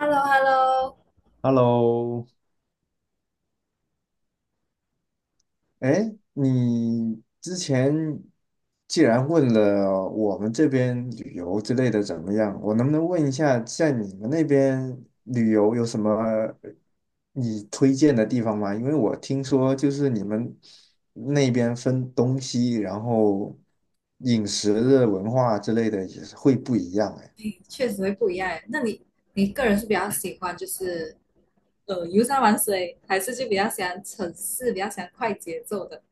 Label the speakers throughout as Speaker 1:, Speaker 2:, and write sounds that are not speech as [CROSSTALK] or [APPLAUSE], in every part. Speaker 1: h e l l o h e l l o.
Speaker 2: Hello,哎，你之前既然问了我们这边旅游之类的怎么样，我能不能问一下，在你们那边旅游有什么你推荐的地方吗？因为我听说就是你们那边分东西，然后饮食的文化之类的也是会不一样哎。
Speaker 1: 哎，确实会不一样诶。那你个人是比较喜欢就是游山玩水，还是就比较喜欢城市，比较喜欢快节奏的？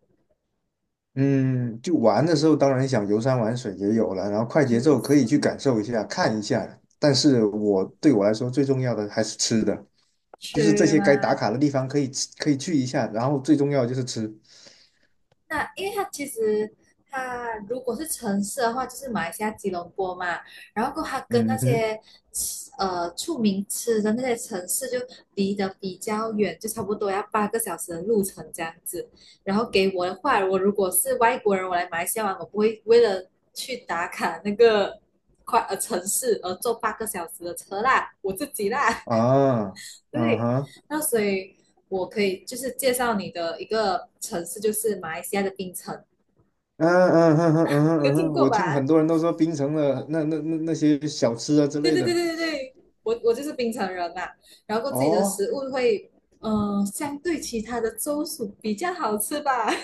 Speaker 2: 嗯，就玩的时候，当然想游山玩水也有了，然后快节
Speaker 1: 游
Speaker 2: 奏可以
Speaker 1: 山
Speaker 2: 去感
Speaker 1: 玩
Speaker 2: 受一下、看一下。但是我对我来说最重要的还是吃的，就是这
Speaker 1: 水
Speaker 2: 些该打
Speaker 1: 吗？
Speaker 2: 卡的地方可以吃可以去一下，然后最重要的就是吃。
Speaker 1: 那因为它其实它如果是城市的话，就是马来西亚吉隆坡嘛，然后过后它跟那
Speaker 2: 嗯哼。
Speaker 1: 些出名吃的那些城市就离得比较远，就差不多要八个小时的路程这样子。然后给我的话，我如果是外国人，我来马来西亚玩，我不会为了去打卡那个城市而坐八个小时的车啦，我自己啦，
Speaker 2: 啊。
Speaker 1: [LAUGHS]
Speaker 2: 嗯
Speaker 1: 对，
Speaker 2: 哼。
Speaker 1: 那所以。我可以就是介绍你的一个城市，就是马来西亚的槟城。
Speaker 2: 嗯嗯哼，嗯哼，嗯哼，
Speaker 1: 有
Speaker 2: 嗯
Speaker 1: 听
Speaker 2: 哼，
Speaker 1: 过
Speaker 2: 我听
Speaker 1: 吧？
Speaker 2: 很多人都说槟城的那些小吃啊之
Speaker 1: 对
Speaker 2: 类
Speaker 1: 对对
Speaker 2: 的。
Speaker 1: 对对对，我就是槟城人嘛，然后自己的
Speaker 2: 哦，
Speaker 1: 食物会，相对其他的州属比较好吃吧。[LAUGHS]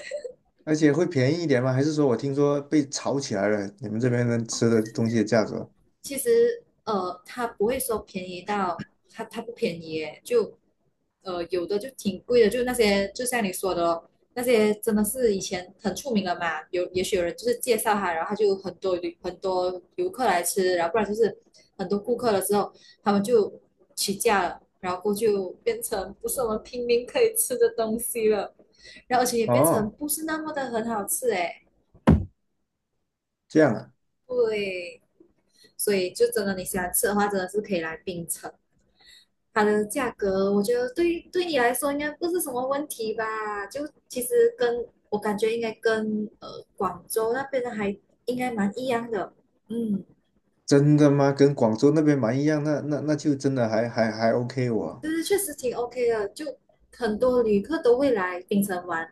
Speaker 2: 而且会便宜一点吗？还是说我听说被炒起来了？你们这边的
Speaker 1: 哦，
Speaker 2: 吃
Speaker 1: 对
Speaker 2: 的
Speaker 1: 对
Speaker 2: 东西
Speaker 1: 对，
Speaker 2: 的价格？
Speaker 1: 其实它不会说便宜到它不便宜耶，就有的就挺贵的，就那些就像你说的咯，那些真的是以前很出名的嘛，也许有人就是介绍它，然后它就很多游客来吃，然后不然就是很多顾客了之后，他们就起价了，然后就变成不是我们平民可以吃的东西了，然后而且也变成
Speaker 2: 哦，
Speaker 1: 不是那么的很好吃诶，
Speaker 2: 这样啊。
Speaker 1: 对。所以就真的你喜欢吃的话，真的是可以来槟城。它的价格，我觉得对你来说应该不是什么问题吧？就其实跟我感觉应该跟广州那边的还应该蛮一样的，嗯，
Speaker 2: 真的吗？跟广州那边蛮一样，那就真的还 OK 我。
Speaker 1: 就是确实挺 OK 的，就很多旅客都会来槟城玩，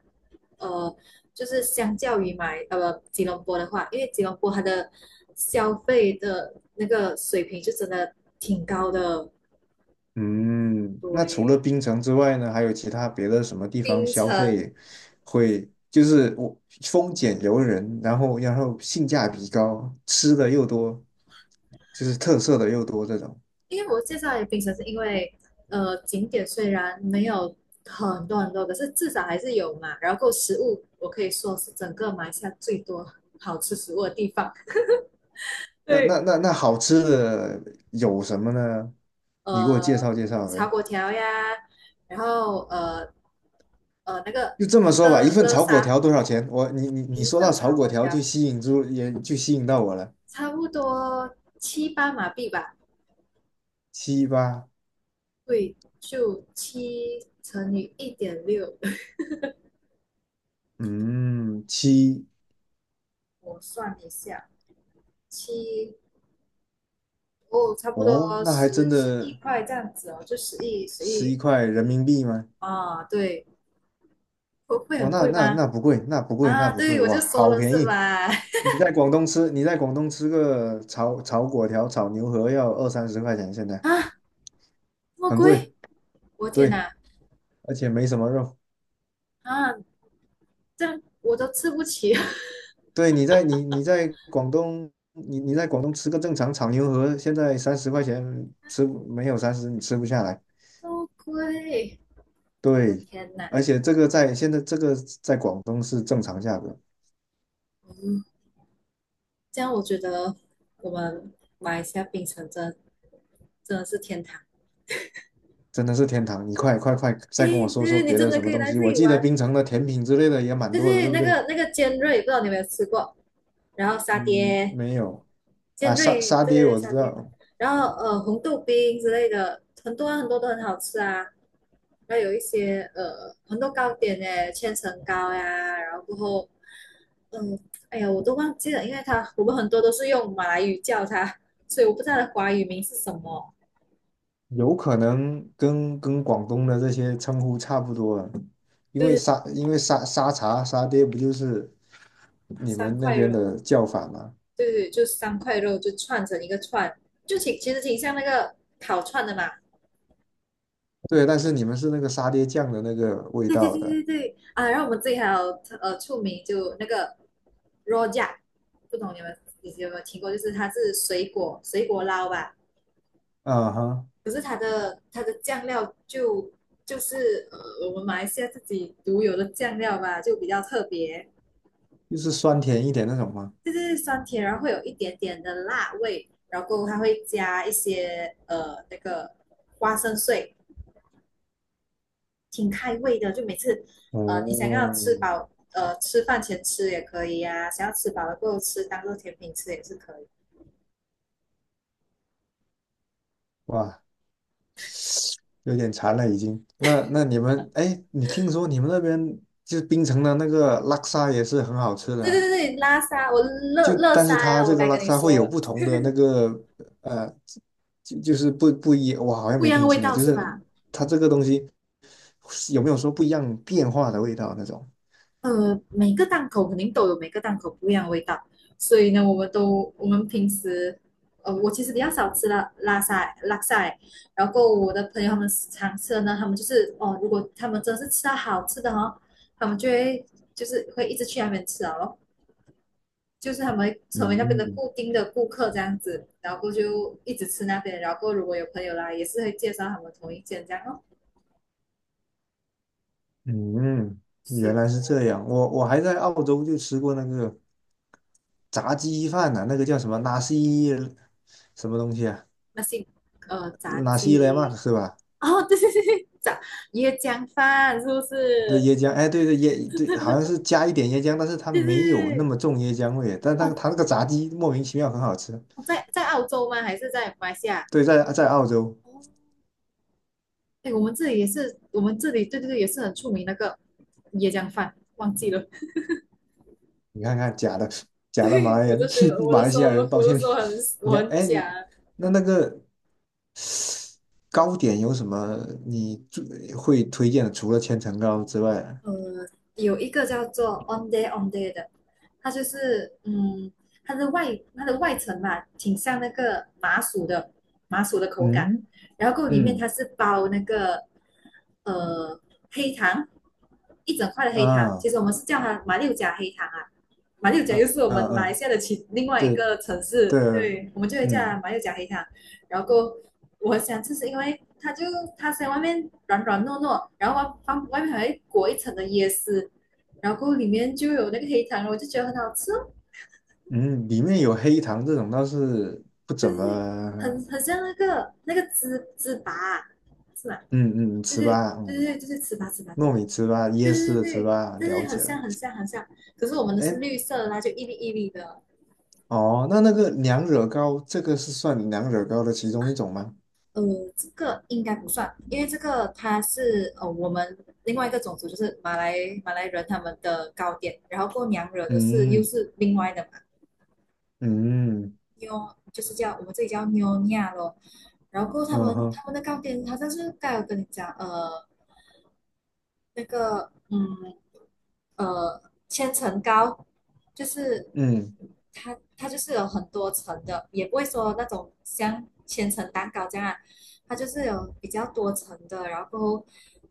Speaker 1: 呃，就是相较于吉隆坡的话，因为吉隆坡它的消费的那个水平就真的挺高的，
Speaker 2: 嗯，那除了
Speaker 1: 对，
Speaker 2: 槟城之外呢，还有其他别的什么地方
Speaker 1: 槟
Speaker 2: 消
Speaker 1: 城
Speaker 2: 费会就是我丰俭由人，然后性价比高，吃的又多，就是特色的又多这种。
Speaker 1: 因为我介绍给冰城是因为，景点虽然没有很多很多，可是至少还是有嘛。然后食物，我可以说是整个马来西亚最多好吃食物的地方。[LAUGHS]
Speaker 2: 那那
Speaker 1: 对，
Speaker 2: 那那好吃的有什么呢？你给我介
Speaker 1: 呃，
Speaker 2: 绍介绍
Speaker 1: 炒
Speaker 2: 呗。
Speaker 1: 粿条呀，然后那个
Speaker 2: 就这么说吧，一
Speaker 1: 乐
Speaker 2: 份
Speaker 1: 乐
Speaker 2: 炒粿
Speaker 1: 沙
Speaker 2: 条多少钱？我你
Speaker 1: 一
Speaker 2: 说到
Speaker 1: 份
Speaker 2: 炒
Speaker 1: 炒
Speaker 2: 粿
Speaker 1: 粿
Speaker 2: 条
Speaker 1: 条
Speaker 2: 就吸引住，也就吸引到我了。
Speaker 1: 差不多7、8马币吧，
Speaker 2: 七八。
Speaker 1: 对，就7乘以1.6，
Speaker 2: 嗯，七。
Speaker 1: [LAUGHS] 我算一下，七哦，差不
Speaker 2: 哦，
Speaker 1: 多
Speaker 2: 那还
Speaker 1: 十
Speaker 2: 真
Speaker 1: 十亿
Speaker 2: 的
Speaker 1: 块这样子哦，就十亿十
Speaker 2: 十一
Speaker 1: 亿
Speaker 2: 块人民币吗？
Speaker 1: 啊，对，会
Speaker 2: 哇，
Speaker 1: 很
Speaker 2: 那
Speaker 1: 贵
Speaker 2: 那
Speaker 1: 吗？
Speaker 2: 那不贵，那不贵，那
Speaker 1: 啊，
Speaker 2: 不贵，
Speaker 1: 对，我就
Speaker 2: 哇，
Speaker 1: 说
Speaker 2: 好
Speaker 1: 了
Speaker 2: 便
Speaker 1: 是
Speaker 2: 宜！
Speaker 1: 吧？[LAUGHS]
Speaker 2: 你在广东吃，你在广东吃个炒粿条、炒牛河要二三十块钱，现在
Speaker 1: 啊，这么
Speaker 2: 很
Speaker 1: 贵，
Speaker 2: 贵。
Speaker 1: 我天
Speaker 2: 对，
Speaker 1: 哪！
Speaker 2: 而且没什么肉。
Speaker 1: 啊，这样我都吃不起，
Speaker 2: 对，你在广东，你在广东吃个正常炒牛河，现在三十块钱吃不没有三十你吃不下来。
Speaker 1: [LAUGHS] 这么贵，我的
Speaker 2: 对，
Speaker 1: 天哪！
Speaker 2: 而且这个在现在这个在广东是正常价格。
Speaker 1: 嗯，这样我觉得我们马来西亚槟城真的真的是天堂。
Speaker 2: 真的是天堂！你快快快，
Speaker 1: 诶，
Speaker 2: 再跟我
Speaker 1: 对
Speaker 2: 说说
Speaker 1: 对，你
Speaker 2: 别
Speaker 1: 真
Speaker 2: 的
Speaker 1: 的
Speaker 2: 什
Speaker 1: 可
Speaker 2: 么
Speaker 1: 以
Speaker 2: 东
Speaker 1: 来这
Speaker 2: 西。我
Speaker 1: 里
Speaker 2: 记得
Speaker 1: 玩。
Speaker 2: 槟城的甜品之类的也蛮
Speaker 1: 对
Speaker 2: 多的，
Speaker 1: 对，
Speaker 2: 对不
Speaker 1: 那
Speaker 2: 对？
Speaker 1: 个那个尖锐，不知道你有没有吃过？然后沙
Speaker 2: 嗯，
Speaker 1: 爹，
Speaker 2: 没有。
Speaker 1: 尖锐，
Speaker 2: 沙
Speaker 1: 对
Speaker 2: 爹
Speaker 1: 对对，
Speaker 2: 我
Speaker 1: 夏
Speaker 2: 知
Speaker 1: 天。
Speaker 2: 道。
Speaker 1: 然后红豆冰之类的，很多很多都很好吃啊。然后有一些很多糕点诶，千层糕呀，然后过后，嗯，哎呀，我都忘记了，因为它我们很多都是用马来语叫它，所以我不知道它的华语名是什么。
Speaker 2: 有可能跟跟广东的这些称呼差不多了，因
Speaker 1: 就
Speaker 2: 为
Speaker 1: 是
Speaker 2: 沙因为沙沙茶沙爹不就是你
Speaker 1: 三
Speaker 2: 们那
Speaker 1: 块
Speaker 2: 边
Speaker 1: 肉，
Speaker 2: 的叫法吗？
Speaker 1: 对对，就三块肉就串成一个串，就其实挺像那个烤串的嘛。
Speaker 2: 对，但是你们是那个沙爹酱的那个味
Speaker 1: 对
Speaker 2: 道的。
Speaker 1: 对对啊，然后我们这里还有出名就那个 rojak，不懂你有没有听过？就是它是水果捞吧，
Speaker 2: 啊哈，
Speaker 1: 可是它的酱料就是我们马来西亚自己独有的酱料吧，就比较特别，
Speaker 2: 就是酸甜一点那种吗？
Speaker 1: 就是酸甜，然后会有一点点的辣味，然后它会加一些那个花生碎，挺开胃的，就每次你想要
Speaker 2: 哦，
Speaker 1: 吃饱，吃饭前吃也可以呀、想要吃饱了过后吃当做甜品吃也是可以。
Speaker 2: 哇，有点馋了已经。那那你们，哎，你听说你们那边就是槟城的那个拉沙也是很好吃的
Speaker 1: 对对
Speaker 2: 啊。
Speaker 1: 对对，拉沙，我乐
Speaker 2: 就
Speaker 1: 乐
Speaker 2: 但
Speaker 1: 沙
Speaker 2: 是
Speaker 1: 呀、
Speaker 2: 它
Speaker 1: 啊我
Speaker 2: 这个
Speaker 1: 该
Speaker 2: 拉
Speaker 1: 跟你
Speaker 2: 沙会
Speaker 1: 说
Speaker 2: 有
Speaker 1: 了。
Speaker 2: 不同的那个呃，就就是不不一，我好像
Speaker 1: 不一
Speaker 2: 没
Speaker 1: 样的
Speaker 2: 听
Speaker 1: 味
Speaker 2: 清了，
Speaker 1: 道
Speaker 2: 就
Speaker 1: 是
Speaker 2: 是
Speaker 1: 吧？
Speaker 2: 它这个东西有没有说不一样变化的味道那种？
Speaker 1: 每个档口肯定都有每个档口不一样的味道，所以呢，我们平时，我其实比较少吃拉沙欸，然后我的朋友他们常吃的呢，他们就是哦，如果他们真是吃到好吃的哦，他们就是会一直去那边吃啊，然后就是他们成为那边的
Speaker 2: 嗯。
Speaker 1: 固定的顾客这样子，然后过就一直吃那边，然后如果有朋友来，也是会介绍他们同一间这样哦，
Speaker 2: 嗯，原来
Speaker 1: 是
Speaker 2: 是这样。我我还在澳洲就吃过那个炸鸡饭呢、那个叫什么纳西什么东西啊？
Speaker 1: 那些炸
Speaker 2: 纳西莱曼
Speaker 1: 鸡
Speaker 2: 是吧？
Speaker 1: 哦，[LAUGHS] 对对对对，椰浆饭是不
Speaker 2: 对
Speaker 1: 是？
Speaker 2: 椰浆，哎，对对椰，对，好像是加一点椰浆，但是它
Speaker 1: 对对
Speaker 2: 没有那
Speaker 1: 对，
Speaker 2: 么重椰浆味，但它
Speaker 1: 哦，
Speaker 2: 它那个炸鸡莫名其妙很好吃。
Speaker 1: 在澳洲吗？还是在马来西亚？
Speaker 2: 对，在在澳洲。
Speaker 1: 哦，哎，我们这里也是，我们这里对对对也是很出名那个椰浆饭，忘记了。
Speaker 2: 你看看假的
Speaker 1: [LAUGHS]
Speaker 2: 假的马
Speaker 1: 对，
Speaker 2: 来
Speaker 1: 我就
Speaker 2: 人，
Speaker 1: 学，得
Speaker 2: [LAUGHS] 马来西亚人，
Speaker 1: 我
Speaker 2: 抱
Speaker 1: 的
Speaker 2: 歉。
Speaker 1: 时候
Speaker 2: 你
Speaker 1: 我
Speaker 2: 要
Speaker 1: 很
Speaker 2: 哎，
Speaker 1: 假，
Speaker 2: 那那个糕点有什么你最会推荐的？除了千层糕之外，
Speaker 1: 呃，有一个叫做 On Day On Day 的，它就是嗯，它的外层嘛，挺像那个麻薯的口感，
Speaker 2: 嗯。
Speaker 1: 然后够里面它
Speaker 2: 嗯。
Speaker 1: 是包那个呃黑糖，一整块的黑糖，
Speaker 2: 啊
Speaker 1: 其实我们是叫它马六甲黑糖啊，马六甲又
Speaker 2: 嗯。
Speaker 1: 是我
Speaker 2: 嗯
Speaker 1: 们马来
Speaker 2: 嗯，
Speaker 1: 西亚的另外一
Speaker 2: 对
Speaker 1: 个城
Speaker 2: 对，
Speaker 1: 市，对，我们就会叫它
Speaker 2: 嗯
Speaker 1: 马六甲黑糖，然后够我想，喜吃是因为它在外面软软糯糯，然后外面还会裹一层的椰丝，然后里面就有那个黑糖，我就觉得很好吃哦。
Speaker 2: 嗯，里面有黑糖这种倒是不
Speaker 1: 对
Speaker 2: 怎
Speaker 1: 对对，
Speaker 2: 么，
Speaker 1: 很像那个芝粑，是吧？
Speaker 2: 嗯嗯
Speaker 1: 对
Speaker 2: 吃
Speaker 1: 对对
Speaker 2: 吧，
Speaker 1: 对
Speaker 2: 嗯。
Speaker 1: 对，就是糍粑对，
Speaker 2: 糯米糍粑、
Speaker 1: 对
Speaker 2: 椰丝
Speaker 1: 对对
Speaker 2: 的糍
Speaker 1: 对对
Speaker 2: 粑
Speaker 1: 对，
Speaker 2: 了
Speaker 1: 很
Speaker 2: 解
Speaker 1: 像
Speaker 2: 了。
Speaker 1: 很像很像。可是我们的
Speaker 2: 哎，
Speaker 1: 是绿色的，它就一粒一粒的，
Speaker 2: 哦，那那个娘惹糕，这个是算娘惹糕的其中一种吗？
Speaker 1: 呃，这个应该不算，因为这个它是我们另外一个种族，就是马来人他们的糕点，然后过娘惹的是又
Speaker 2: 嗯。
Speaker 1: 是另外的嘛，
Speaker 2: 嗯
Speaker 1: 就是叫我们这里叫妞尼亚咯，然后过后
Speaker 2: 嗯哼
Speaker 1: 他们的糕点好像是刚才有跟你讲，那个呃千层糕，就是
Speaker 2: 嗯。
Speaker 1: 它就是有很多层的，也不会说那种像千层蛋糕这样啊它就是有比较多层的，然后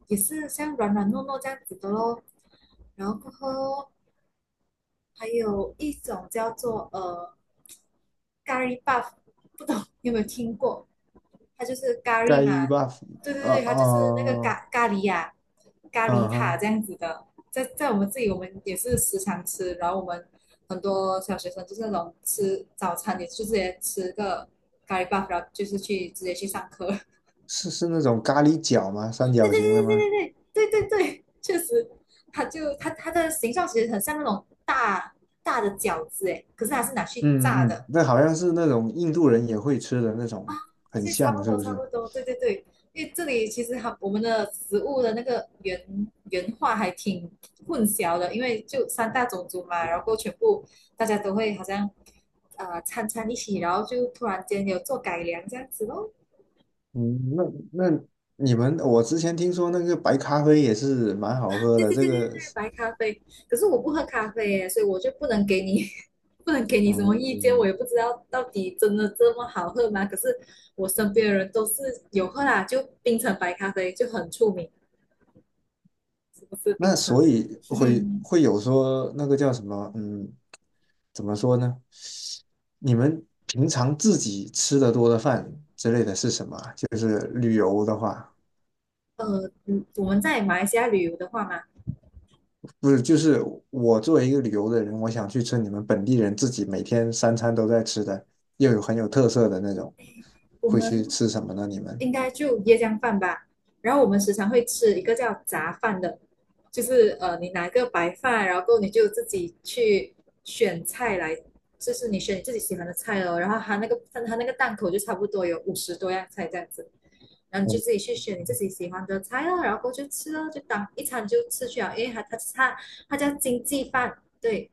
Speaker 1: 也是像软软糯糯这样子的咯。然后过后还有一种叫做咖喱 buff，不懂 [LAUGHS] 你有没有听过？它就是咖
Speaker 2: 盖
Speaker 1: 喱嘛，
Speaker 2: 伊巴夫。
Speaker 1: 对对
Speaker 2: 啊
Speaker 1: 对，它就是那个
Speaker 2: 呃
Speaker 1: 咖喱呀、咖
Speaker 2: 嗯
Speaker 1: 喱塔
Speaker 2: 哼。
Speaker 1: 这样子的，在我们这里我们也是时常吃，然后我们很多小学生就是那种吃早餐也是直接吃个咖喱 buff，然后就是直接去上课，[LAUGHS]
Speaker 2: 是是那种咖喱饺吗？三
Speaker 1: 对
Speaker 2: 角
Speaker 1: 对
Speaker 2: 形的
Speaker 1: 对对
Speaker 2: 吗？
Speaker 1: 对对对对对，确实，它它的形状其实很像那种大大的饺子诶，可是它是拿去炸
Speaker 2: 嗯嗯，
Speaker 1: 的。
Speaker 2: 那好像是那种印度人也会吃的那种，很
Speaker 1: 这差
Speaker 2: 像
Speaker 1: 不
Speaker 2: 是
Speaker 1: 多，
Speaker 2: 不
Speaker 1: 差
Speaker 2: 是？
Speaker 1: 不多，对对对，因为这里其实它我们的食物的那个原话还挺混淆的，因为就三大种族嘛，然后全部大家都会好像掺一起，然后就突然间有做改良这样子咯。
Speaker 2: 嗯，那那你们，我之前听说那个白咖啡也是蛮好喝
Speaker 1: 对
Speaker 2: 的，
Speaker 1: 对
Speaker 2: 这
Speaker 1: 对对
Speaker 2: 个
Speaker 1: 对，
Speaker 2: 是
Speaker 1: 白咖啡，可是我不喝咖啡耶，所以我就不能给你 [LAUGHS] 不能给你什么意见，我
Speaker 2: 嗯，
Speaker 1: 也不知道到底真的这么好喝吗？可是我身边的人都是有喝啦，就冰城白咖啡就很出名。不是冰
Speaker 2: 那
Speaker 1: 城
Speaker 2: 所
Speaker 1: 的。
Speaker 2: 以会
Speaker 1: [LAUGHS]
Speaker 2: 会有说那个叫什么，怎么说呢？你们平常自己吃的多的饭之类的是什么啊就是旅游的话，
Speaker 1: 我们在马来西亚旅游的话嘛，
Speaker 2: 不是，就是我作为一个旅游的人，我想去吃你们本地人自己每天三餐都在吃的，又有很有特色的那种，
Speaker 1: 我
Speaker 2: 会去
Speaker 1: 们
Speaker 2: 吃什么呢？你们？
Speaker 1: 应该就椰浆饭吧。然后我们时常会吃一个叫杂饭的，就是你拿一个白饭，然后你就自己去选菜来，就是你选你自己喜欢的菜咯。然后它那个档口就差不多有50多样菜这样子，然后你就
Speaker 2: 嗯
Speaker 1: 自己去选你自己喜欢的菜咯，然后过去就吃咯，就当一餐就吃去了，因为它叫经济饭，对，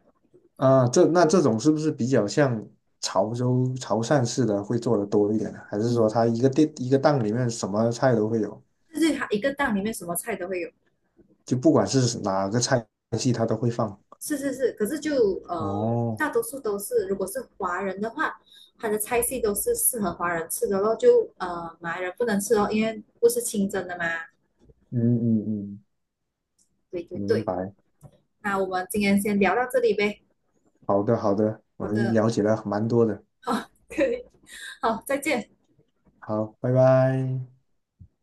Speaker 2: 啊，这那这
Speaker 1: 嗯
Speaker 2: 种是不是比较像潮州潮汕式的会做的多一点呢？还是说
Speaker 1: 嗯。
Speaker 2: 它一个店一个档里面什么菜都会有？
Speaker 1: 就是它一个档里面什么菜都会有。
Speaker 2: 就不管是哪个菜系，它都会放。
Speaker 1: 是是是，可是就
Speaker 2: 哦，
Speaker 1: 大多数都是，如果是华人的话，它的菜系都是适合华人吃的咯，就马来人不能吃哦，因为不是清真的嘛。
Speaker 2: 嗯嗯嗯，
Speaker 1: 对对
Speaker 2: 明
Speaker 1: 对，
Speaker 2: 白。
Speaker 1: 那我们今天先聊到这里呗。
Speaker 2: 好的好的，我
Speaker 1: 好的，
Speaker 2: 了解了蛮多的。
Speaker 1: 好，可以，好，再见。
Speaker 2: 好，拜拜。